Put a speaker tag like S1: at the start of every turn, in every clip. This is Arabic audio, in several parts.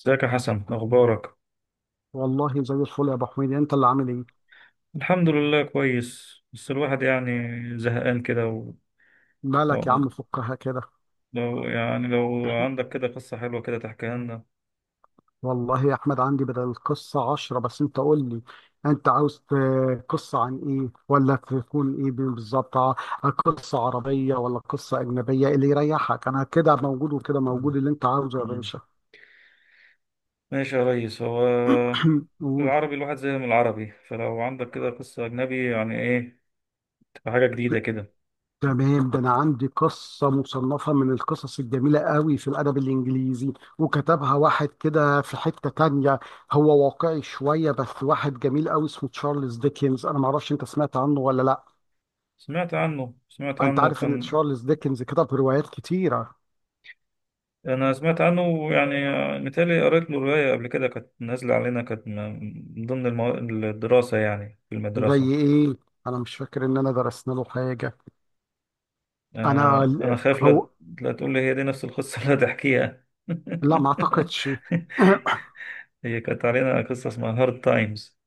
S1: ازيك يا حسن، اخبارك؟
S2: والله زي الفل يا ابو حميد، انت اللي عامل ايه؟
S1: الحمد لله كويس، بس الواحد يعني زهقان كده و...
S2: مالك يا
S1: و...
S2: عم، فكها كده.
S1: لو يعني لو عندك كده قصة حلوة كده تحكيها لنا.
S2: والله يا احمد عندي بدل القصه عشرة، بس انت قول لي، انت عاوز قصه عن ايه؟ ولا تكون ايه بالظبط؟ قصه عربيه ولا قصه اجنبيه؟ اللي يريحك، انا كده موجود وكده
S1: مم.
S2: موجود، اللي انت عاوزه يا
S1: مم.
S2: باشا.
S1: ماشي يا ريس. هو
S2: قول.
S1: العربي الواحد زي من العربي، فلو عندك كده قصة أجنبي يعني إيه تبقى حاجة جديدة كده.
S2: تمام، ده انا عندي قصه مصنفه من القصص الجميله قوي في الادب الانجليزي، وكتبها واحد كده في حته تانية. هو واقعي شويه، بس واحد جميل قوي اسمه تشارلز ديكنز. انا ما اعرفش انت سمعت عنه ولا لا.
S1: سمعت عنه سمعت
S2: انت
S1: عنه
S2: عارف ان
S1: كان.
S2: تشارلز ديكنز كتب روايات كتيره؟
S1: انا سمعت عنه يعني، متهيألي قريت له رواية قبل كده، كانت نازلة علينا، كانت م- من ضمن المو... الدراسة يعني في المدرسة.
S2: زي ايه؟ انا مش فاكر ان انا درسنا له حاجه. انا
S1: انا خايف، لا،
S2: هو
S1: لا تقول لي هي دي نفس القصة اللي هتحكيها؟
S2: لا ما اعتقدش.
S1: هي كانت علينا قصة اسمها هارد تايمز.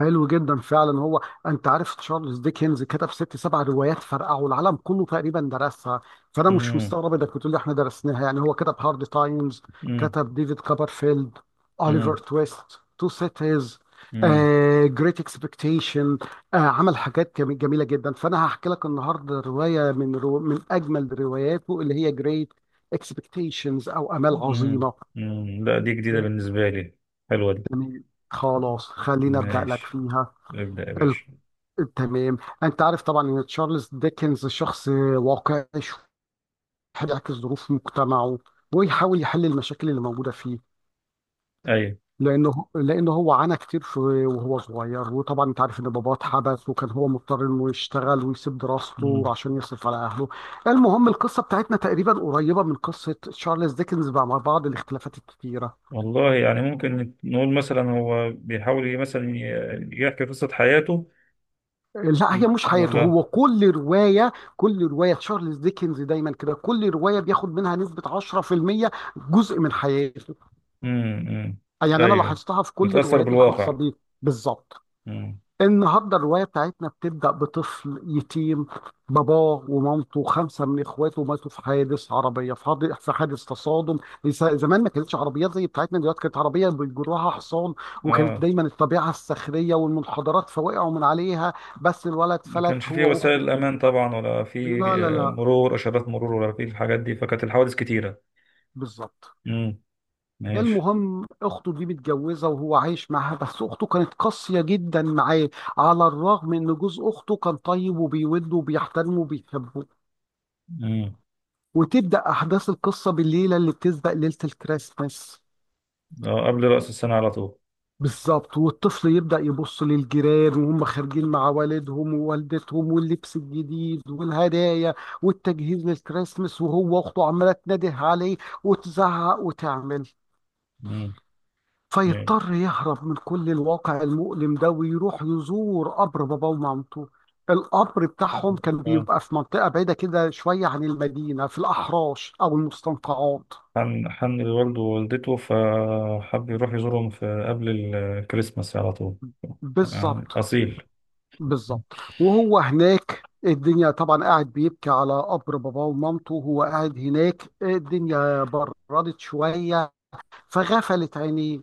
S2: حلو جدا فعلا. هو انت عارف تشارلز ديكنز كتب ست سبع روايات فرقعوا العالم كله تقريبا درسها، فانا مش
S1: امم.
S2: مستغرب انك بتقول لي احنا درسناها. يعني هو كتب هارد تايمز،
S1: امم.
S2: كتب ديفيد كوبرفيلد، اوليفر
S1: امم.
S2: تويست، تو سيتيز،
S1: امم.
S2: جريت اكسبكتيشن. عمل حاجات جميله جدا، فانا هحكي لك النهارده روايه من اجمل رواياته اللي هي جريت اكسبكتيشنز او امال
S1: امم.
S2: عظيمه.
S1: أمم. لا، دي جديدة بالنسبة لي، حلوة دي.
S2: تمام، خلاص خلينا ابدا لك
S1: ماشي،
S2: فيها.
S1: ابدأ يا باشا.
S2: تمام، انت عارف طبعا ان تشارلز ديكنز شخص واقعي شوية، بيعكس ظروف مجتمعه ويحاول يحل المشاكل اللي موجوده فيه.
S1: ايوه.
S2: لانه هو عانى كتير في وهو صغير، وطبعا انت عارف ان باباه اتحبس وكان هو مضطر انه يشتغل ويسيب دراسته عشان يصرف على اهله. المهم القصه بتاعتنا تقريبا قريبه من قصه تشارلز ديكنز مع بعض الاختلافات الكتيره.
S1: والله يعني ممكن نقول مثلا هو بيحاول مثلا يحكي قصة حياته.
S2: لا
S1: م-
S2: هي مش حياته،
S1: ولا.
S2: هو كل رواية، كل رواية تشارلز ديكنز دايما كده، كل رواية بياخد منها نسبة 10% جزء من حياته.
S1: امم.
S2: يعني أنا
S1: ايوه.
S2: لاحظتها في كل
S1: متأثر
S2: الروايات الخاصة
S1: بالواقع.
S2: بيه. بالظبط.
S1: امم.
S2: النهارده الروايه بتاعتنا بتبدا بطفل يتيم. باباه ومامته وخمسه من اخواته ماتوا في حادث عربيه، في في حادث تصادم. زمان ما كانتش عربيات زي بتاعتنا دلوقتي، كانت عربيه بيجروها حصان، وكانت
S1: اه،
S2: دايما الطبيعه الصخريه والمنحدرات فوقعوا من عليها. بس الولد
S1: ما
S2: فلت
S1: كانش فيه
S2: هو واخته
S1: وسائل امان
S2: الكبيره.
S1: طبعا ولا فيه؟
S2: لا لا
S1: آه،
S2: لا.
S1: مرور اشارات مرور ولا فيه الحاجات دي، فكانت الحوادث كتيرة.
S2: بالظبط.
S1: امم. ماشي.
S2: المهم اخته دي متجوزه وهو عايش معاها، بس اخته كانت قاسيه جدا معاه، على الرغم ان جوز اخته كان طيب وبيوده وبيحترمه وبيحبه.
S1: امم.
S2: وتبدأ أحداث القصة بالليلة اللي بتسبق ليلة الكريسماس.
S1: آه، قبل رأس السنة على طول.
S2: بالظبط. والطفل يبدأ يبص للجيران وهم خارجين مع والدهم ووالدتهم، واللبس الجديد والهدايا والتجهيز للكريسماس، وهو وأخته عمالة تنده عليه وتزعق وتعمل.
S1: امم. ايوه.
S2: فيضطر يهرب من كل الواقع المؤلم ده ويروح يزور قبر باباه ومامته. القبر بتاعهم كان
S1: آه.
S2: بيبقى في منطقة بعيدة كده شوية عن المدينة، في الأحراش أو المستنقعات.
S1: حن حن لوالده ووالدته، فحب يروح يزورهم في قبل الكريسماس على طول. آه،
S2: بالظبط.
S1: أصيل.
S2: بالظبط. وهو هناك الدنيا طبعا قاعد بيبكي على قبر باباه ومامته، وهو قاعد هناك الدنيا بردت شوية، فغفلت عينيه.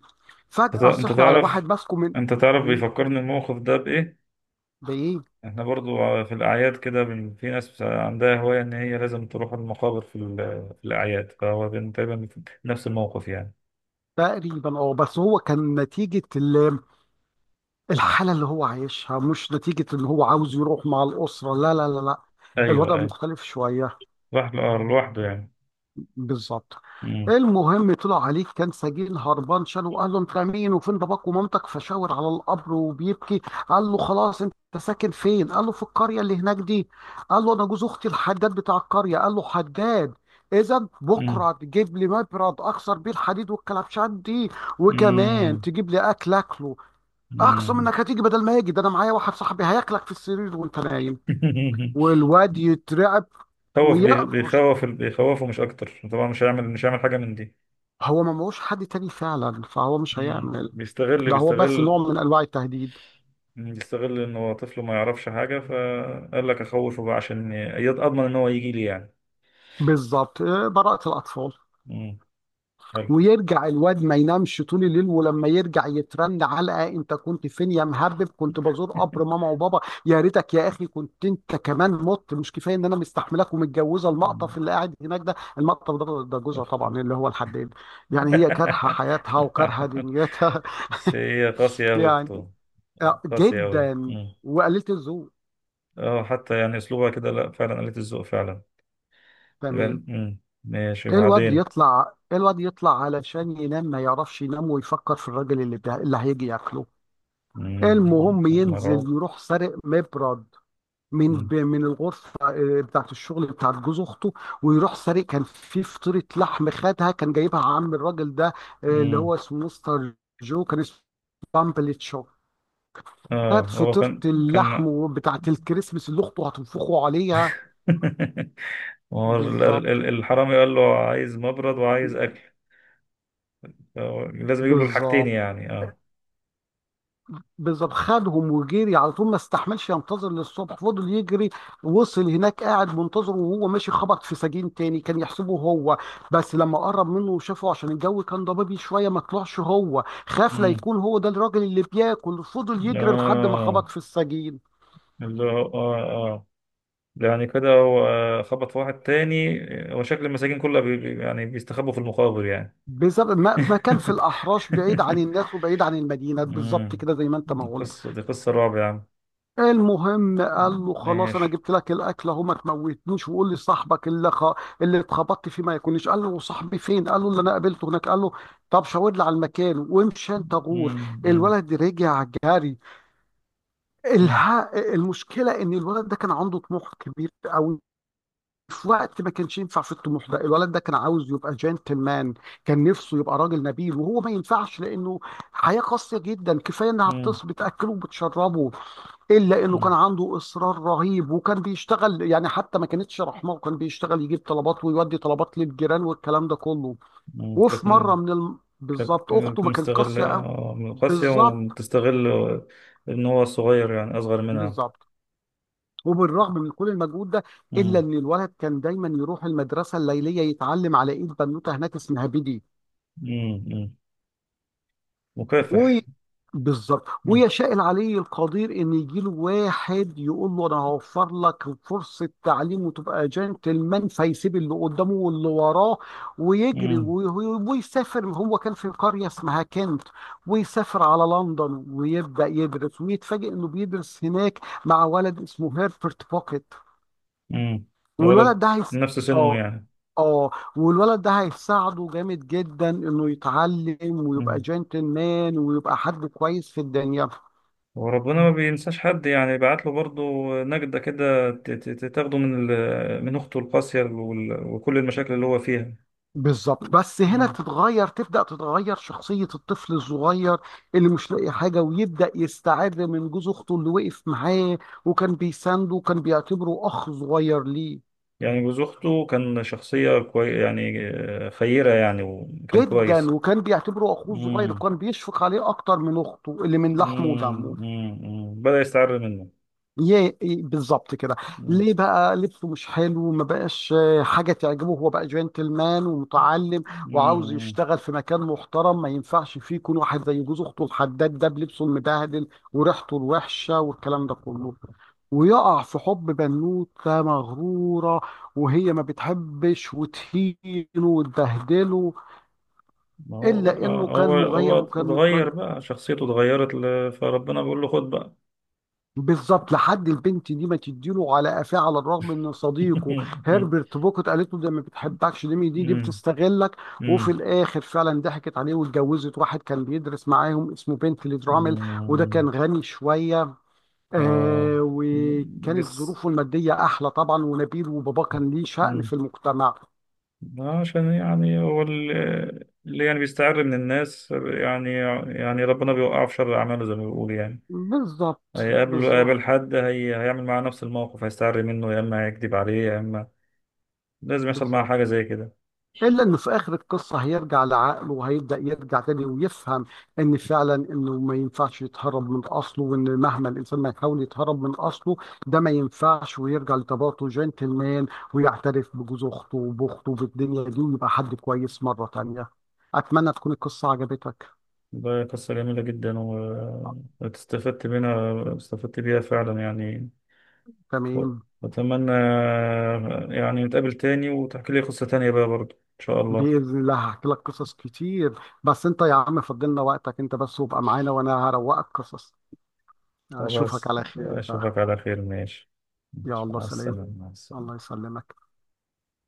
S1: انت
S2: فجأة
S1: انت
S2: صحي على واحد
S1: تعرف
S2: ماسكه من
S1: انت تعرف
S2: مم،
S1: بيفكرني الموقف ده بايه.
S2: بإيه؟
S1: احنا برضو في الاعياد كده، في ناس عندها هواية ان هي لازم تروح المقابر في الاعياد، فهو كان تقريبا نفس الموقف يعني.
S2: تقريبا اه، بس هو كان نتيجة الحالة اللي هو عايشها، مش نتيجة ان هو عاوز يروح مع الأسرة. لا لا لا لا،
S1: ايوه،
S2: الوضع
S1: ايوه.
S2: مختلف شوية.
S1: لوحده، آه، لوحده يعني.
S2: بالظبط.
S1: مم.
S2: المهم طلع عليك كان سجين هربان شان، وقال له انت مين وفين باباك ومامتك؟ فشاور على القبر وبيبكي. قال له خلاص انت ساكن فين؟ قال له في القريه اللي هناك دي. قال له انا جوز اختي الحداد بتاع القريه. قال له حداد؟ اذا
S1: مم.
S2: بكره تجيب لي مبرد اكسر بيه الحديد والكلبشات دي، وكمان
S1: مم.
S2: تجيب لي اكل اكله. اقسم
S1: مم.
S2: انك هتيجي، بدل ما يجي، ده انا معايا واحد صاحبي هياكلك في السرير وانت نايم. والواد يترعب
S1: خوف بي-
S2: ويقفش.
S1: بيخوف بيخوفه مش اكتر طبعا، مش هيعمل حاجة من دي.
S2: هو ما معهوش حد تاني فعلا، فهو مش
S1: مم.
S2: هيعمل.
S1: بيستغل
S2: ده هو بس
S1: بيستغل
S2: نوع من انواع التهديد.
S1: يستغل ان هو طفل ما يعرفش حاجة، فقال لك اخوفه بقى عشان اضمن ان هو يجي لي يعني.
S2: بالظبط. آه، براءة الأطفال.
S1: مم. حلو.
S2: ويرجع الواد ما ينامش طول الليل، ولما يرجع يترن علقة. انت كنت فين يا مهرب؟ كنت بزور قبر ماما وبابا. يا ريتك يا اخي كنت انت كمان مت. مش كفايه ان انا مستحملك ومتجوزه
S1: مم.
S2: المقطف اللي قاعد هناك ده، المقطف ده ده جوزها
S1: أخ-
S2: طبعا اللي هو الحداد. يعني هي كارهه حياتها وكارهه
S1: لا.
S2: دنيتها.
S1: بس هي قاسية أوي يا
S2: يعني
S1: أختو.
S2: آه،
S1: قاسية أوي.
S2: جدا.
S1: مم.
S2: وقليله الذوق.
S1: اه، حتى يعني أسلوبها كده، لا فعلا قلة الذوق فعلا. يبقى
S2: تمام.
S1: ماشي،
S2: ايه الواد
S1: وبعدين؟
S2: يطلع، ايه الواد يطلع علشان ينام، ما يعرفش ينام، ويفكر في الراجل اللي اللي هيجي ياكله.
S1: مم.
S2: المهم ينزل
S1: مرعوب.
S2: يروح سارق مبرد من
S1: مم.
S2: من الغرفه، آه، بتاعت الشغل بتاعت جوز اخته. ويروح سارق كان في فطيره لحم، خدها كان جايبها عم الراجل ده، آه، اللي
S1: مم.
S2: هو اسمه مستر جو كان اسمه، بامبلتشو.
S1: اه،
S2: خد
S1: هو
S2: فطيره
S1: كان.
S2: اللحم بتاعت الكريسماس اللي اخته هتنفخه عليها.
S1: هو ال-
S2: بالظبط.
S1: ال- الحرامي قال له عايز مبرد وعايز أكل. آه، لازم يجيب له الحاجتين
S2: بالظبط.
S1: يعني، اه.
S2: بالظبط خدهم وجري على طول، ما استحملش ينتظر للصبح، فضل يجري. وصل هناك قاعد منتظره، وهو ماشي خبط في سجين تاني كان يحسبه هو، بس لما قرب منه وشافه عشان الجو كان ضبابي شويه ما طلعش هو. خاف لا
S1: مم.
S2: يكون هو ده الراجل اللي بياكل، فضل يجري لحد ما خبط
S1: اه،
S2: في السجين.
S1: اللي هو اه يعني كده، هو خبط في واحد تاني. هو شكل المساجين كلها يعني بيستخبوا في المقابر يعني.
S2: بالظبط. ما كان في الاحراش بعيد عن الناس وبعيد عن المدينه، بالظبط
S1: مم.
S2: كده زي ما انت ما
S1: دي
S2: قلت.
S1: قصة دي قصة رعب يا عم.
S2: المهم قال له خلاص انا
S1: ماشي.
S2: جبت لك الاكل اهو، ما تموتنيش، وقول لي صاحبك اللي اللي اتخبطت فيه ما يكونش. قال له صاحبي فين؟ قال له اللي انا قابلته هناك. قال له طب شاور لي على المكان وامشي انت غور.
S1: مم. مم.
S2: الولد رجع جري.
S1: مم.
S2: الها المشكله ان الولد ده كان عنده طموح كبير قوي في وقت ما كانش ينفع في الطموح ده. الولد ده كان عاوز يبقى جنتلمان، كان نفسه يبقى راجل نبيل، وهو ما ينفعش لانه حياة قاسية جدا، كفاية انها
S1: مم.
S2: بتص بتاكله وبتشربه. الا انه كان
S1: مم.
S2: عنده اصرار رهيب، وكان بيشتغل، يعني حتى ما كانتش رحمه، وكان بيشتغل يجيب طلبات ويودي طلبات للجيران والكلام ده كله.
S1: مم.
S2: وفي
S1: كانت
S2: مره من
S1: كانت
S2: بالظبط، اخته
S1: كانت
S2: ما كانت
S1: مستغلة،
S2: قاسيه قوي.
S1: آه، من القاسية
S2: بالظبط.
S1: وتستغل إن هو صغير يعني أصغر منها.
S2: بالظبط. وبالرغم من كل المجهود ده، الا
S1: مم.
S2: ان الولد كان دايما يروح المدرسه الليليه يتعلم على ايد بنوته هناك اسمها بيدي.
S1: مم. مكافح.
S2: وي بالظبط.
S1: مم.
S2: ويشاء العلي القدير ان يجي له واحد يقول له انا هوفر لك فرصه تعليم وتبقى جنتلمان، فيسيب اللي قدامه واللي وراه ويجري
S1: مم.
S2: ويسافر. هو كان في قريه اسمها كنت، ويسافر على لندن ويبدا يدرس، ويتفاجئ انه بيدرس هناك مع ولد اسمه هيربرت بوكيت.
S1: مم.
S2: والولد
S1: ولد
S2: ده هيس...
S1: نفس سنه
S2: اه
S1: يعني.
S2: اه. والولد ده هيساعده جامد جدا انه يتعلم ويبقى
S1: مم.
S2: جنتلمان ويبقى حد كويس في الدنيا.
S1: وربنا ما بينساش حد يعني، بعت له برضه نجدة كده تاخده من أخته القاسية وكل المشاكل اللي هو فيها.
S2: بالظبط. بس هنا
S1: مم.
S2: تتغير، تبدأ تتغير شخصية الطفل الصغير اللي مش لاقي حاجة، ويبدأ يستعر من جوز أخته اللي وقف معاه وكان بيسانده وكان بيعتبره أخ صغير ليه.
S1: يعني جوز أخته كان شخصية كوي يعني، آه، خيرة يعني وكان
S2: جدا،
S1: كويس.
S2: وكان بيعتبره أخوه صغير
S1: مم.
S2: وكان بيشفق عليه أكتر من أخته اللي من لحمه
S1: مم.
S2: ودمه.
S1: مم. مم. بدأ يستعر منه.
S2: يه بالظبط كده.
S1: مم.
S2: ليه بقى لبسه مش حلو، ما بقاش آه، حاجه تعجبه، هو بقى جنتلمان ومتعلم وعاوز
S1: مم.
S2: يشتغل في مكان محترم، ما ينفعش فيه يكون واحد زي جوز اخته الحداد ده بلبسه المبهدل وريحته الوحشه والكلام ده كله. ويقع في حب بنوته مغروره، وهي ما بتحبش وتهينه وتبهدله.
S1: ما هو بقى،
S2: الا انه كان
S1: هو
S2: مغيب وكان
S1: اتغير، بقى شخصيته اتغيرت فربنا بيقول له خد بقى.
S2: بالظبط، لحد البنت دي ما تديله على قفاه، على الرغم ان صديقه هربرت بوكت قالت له ده ما بتحبكش، دي
S1: مم.
S2: بتستغلك. وفي
S1: مم.
S2: الاخر فعلا ضحكت عليه واتجوزت واحد كان بيدرس معاهم اسمه بنتلي درامل. وده
S1: مم.
S2: كان غني شويه،
S1: آه،
S2: آه، وكانت
S1: بس.
S2: ظروفه الماديه احلى طبعا ونبيل وباباه كان ليه شأن
S1: مم.
S2: في المجتمع.
S1: عشان يعني هو اللي يعني بيستعر من الناس يعني. يعني ربنا بيوقعه في شر أعماله زي ما بيقول يعني.
S2: بالظبط.
S1: هيقابل
S2: بالظبط.
S1: هيقابل حد، هيعمل معاه نفس الموقف، هيستعر منه، يا إما هيكذب عليه يا إما لازم يحصل معاه
S2: بالظبط.
S1: حاجة زي كده.
S2: إلا إنه في آخر القصة هيرجع لعقله، وهيبدأ يرجع تاني ويفهم إن فعلا إنه ما ينفعش يتهرب من أصله، وإن مهما الإنسان ما يحاول يتهرب من أصله ده ما ينفعش، ويرجع لطبيعته جنتلمان، ويعترف بجوز أخته وبأخته في الدنيا دي، ويبقى حد كويس مرة تانية. أتمنى تكون القصة عجبتك.
S1: ده قصة جميلة جدا واستفدت منها استفدت بيها فعلا يعني.
S2: تمام.
S1: وأتمنى، آه، يعني نتقابل تاني وتحكي لي قصة تانية بقى برضو إن شاء الله.
S2: بإذن الله هحكي لك قصص كتير، بس أنت يا عم فضلنا وقتك أنت بس وابقى معانا وأنا هروقك قصص. أشوفك
S1: خلاص،
S2: على خير بقى.
S1: أشوفك على خير، ماشي.
S2: يا
S1: ماشي.
S2: الله،
S1: مع
S2: سلام.
S1: السلامة، مع
S2: الله
S1: السلامة.
S2: يسلمك.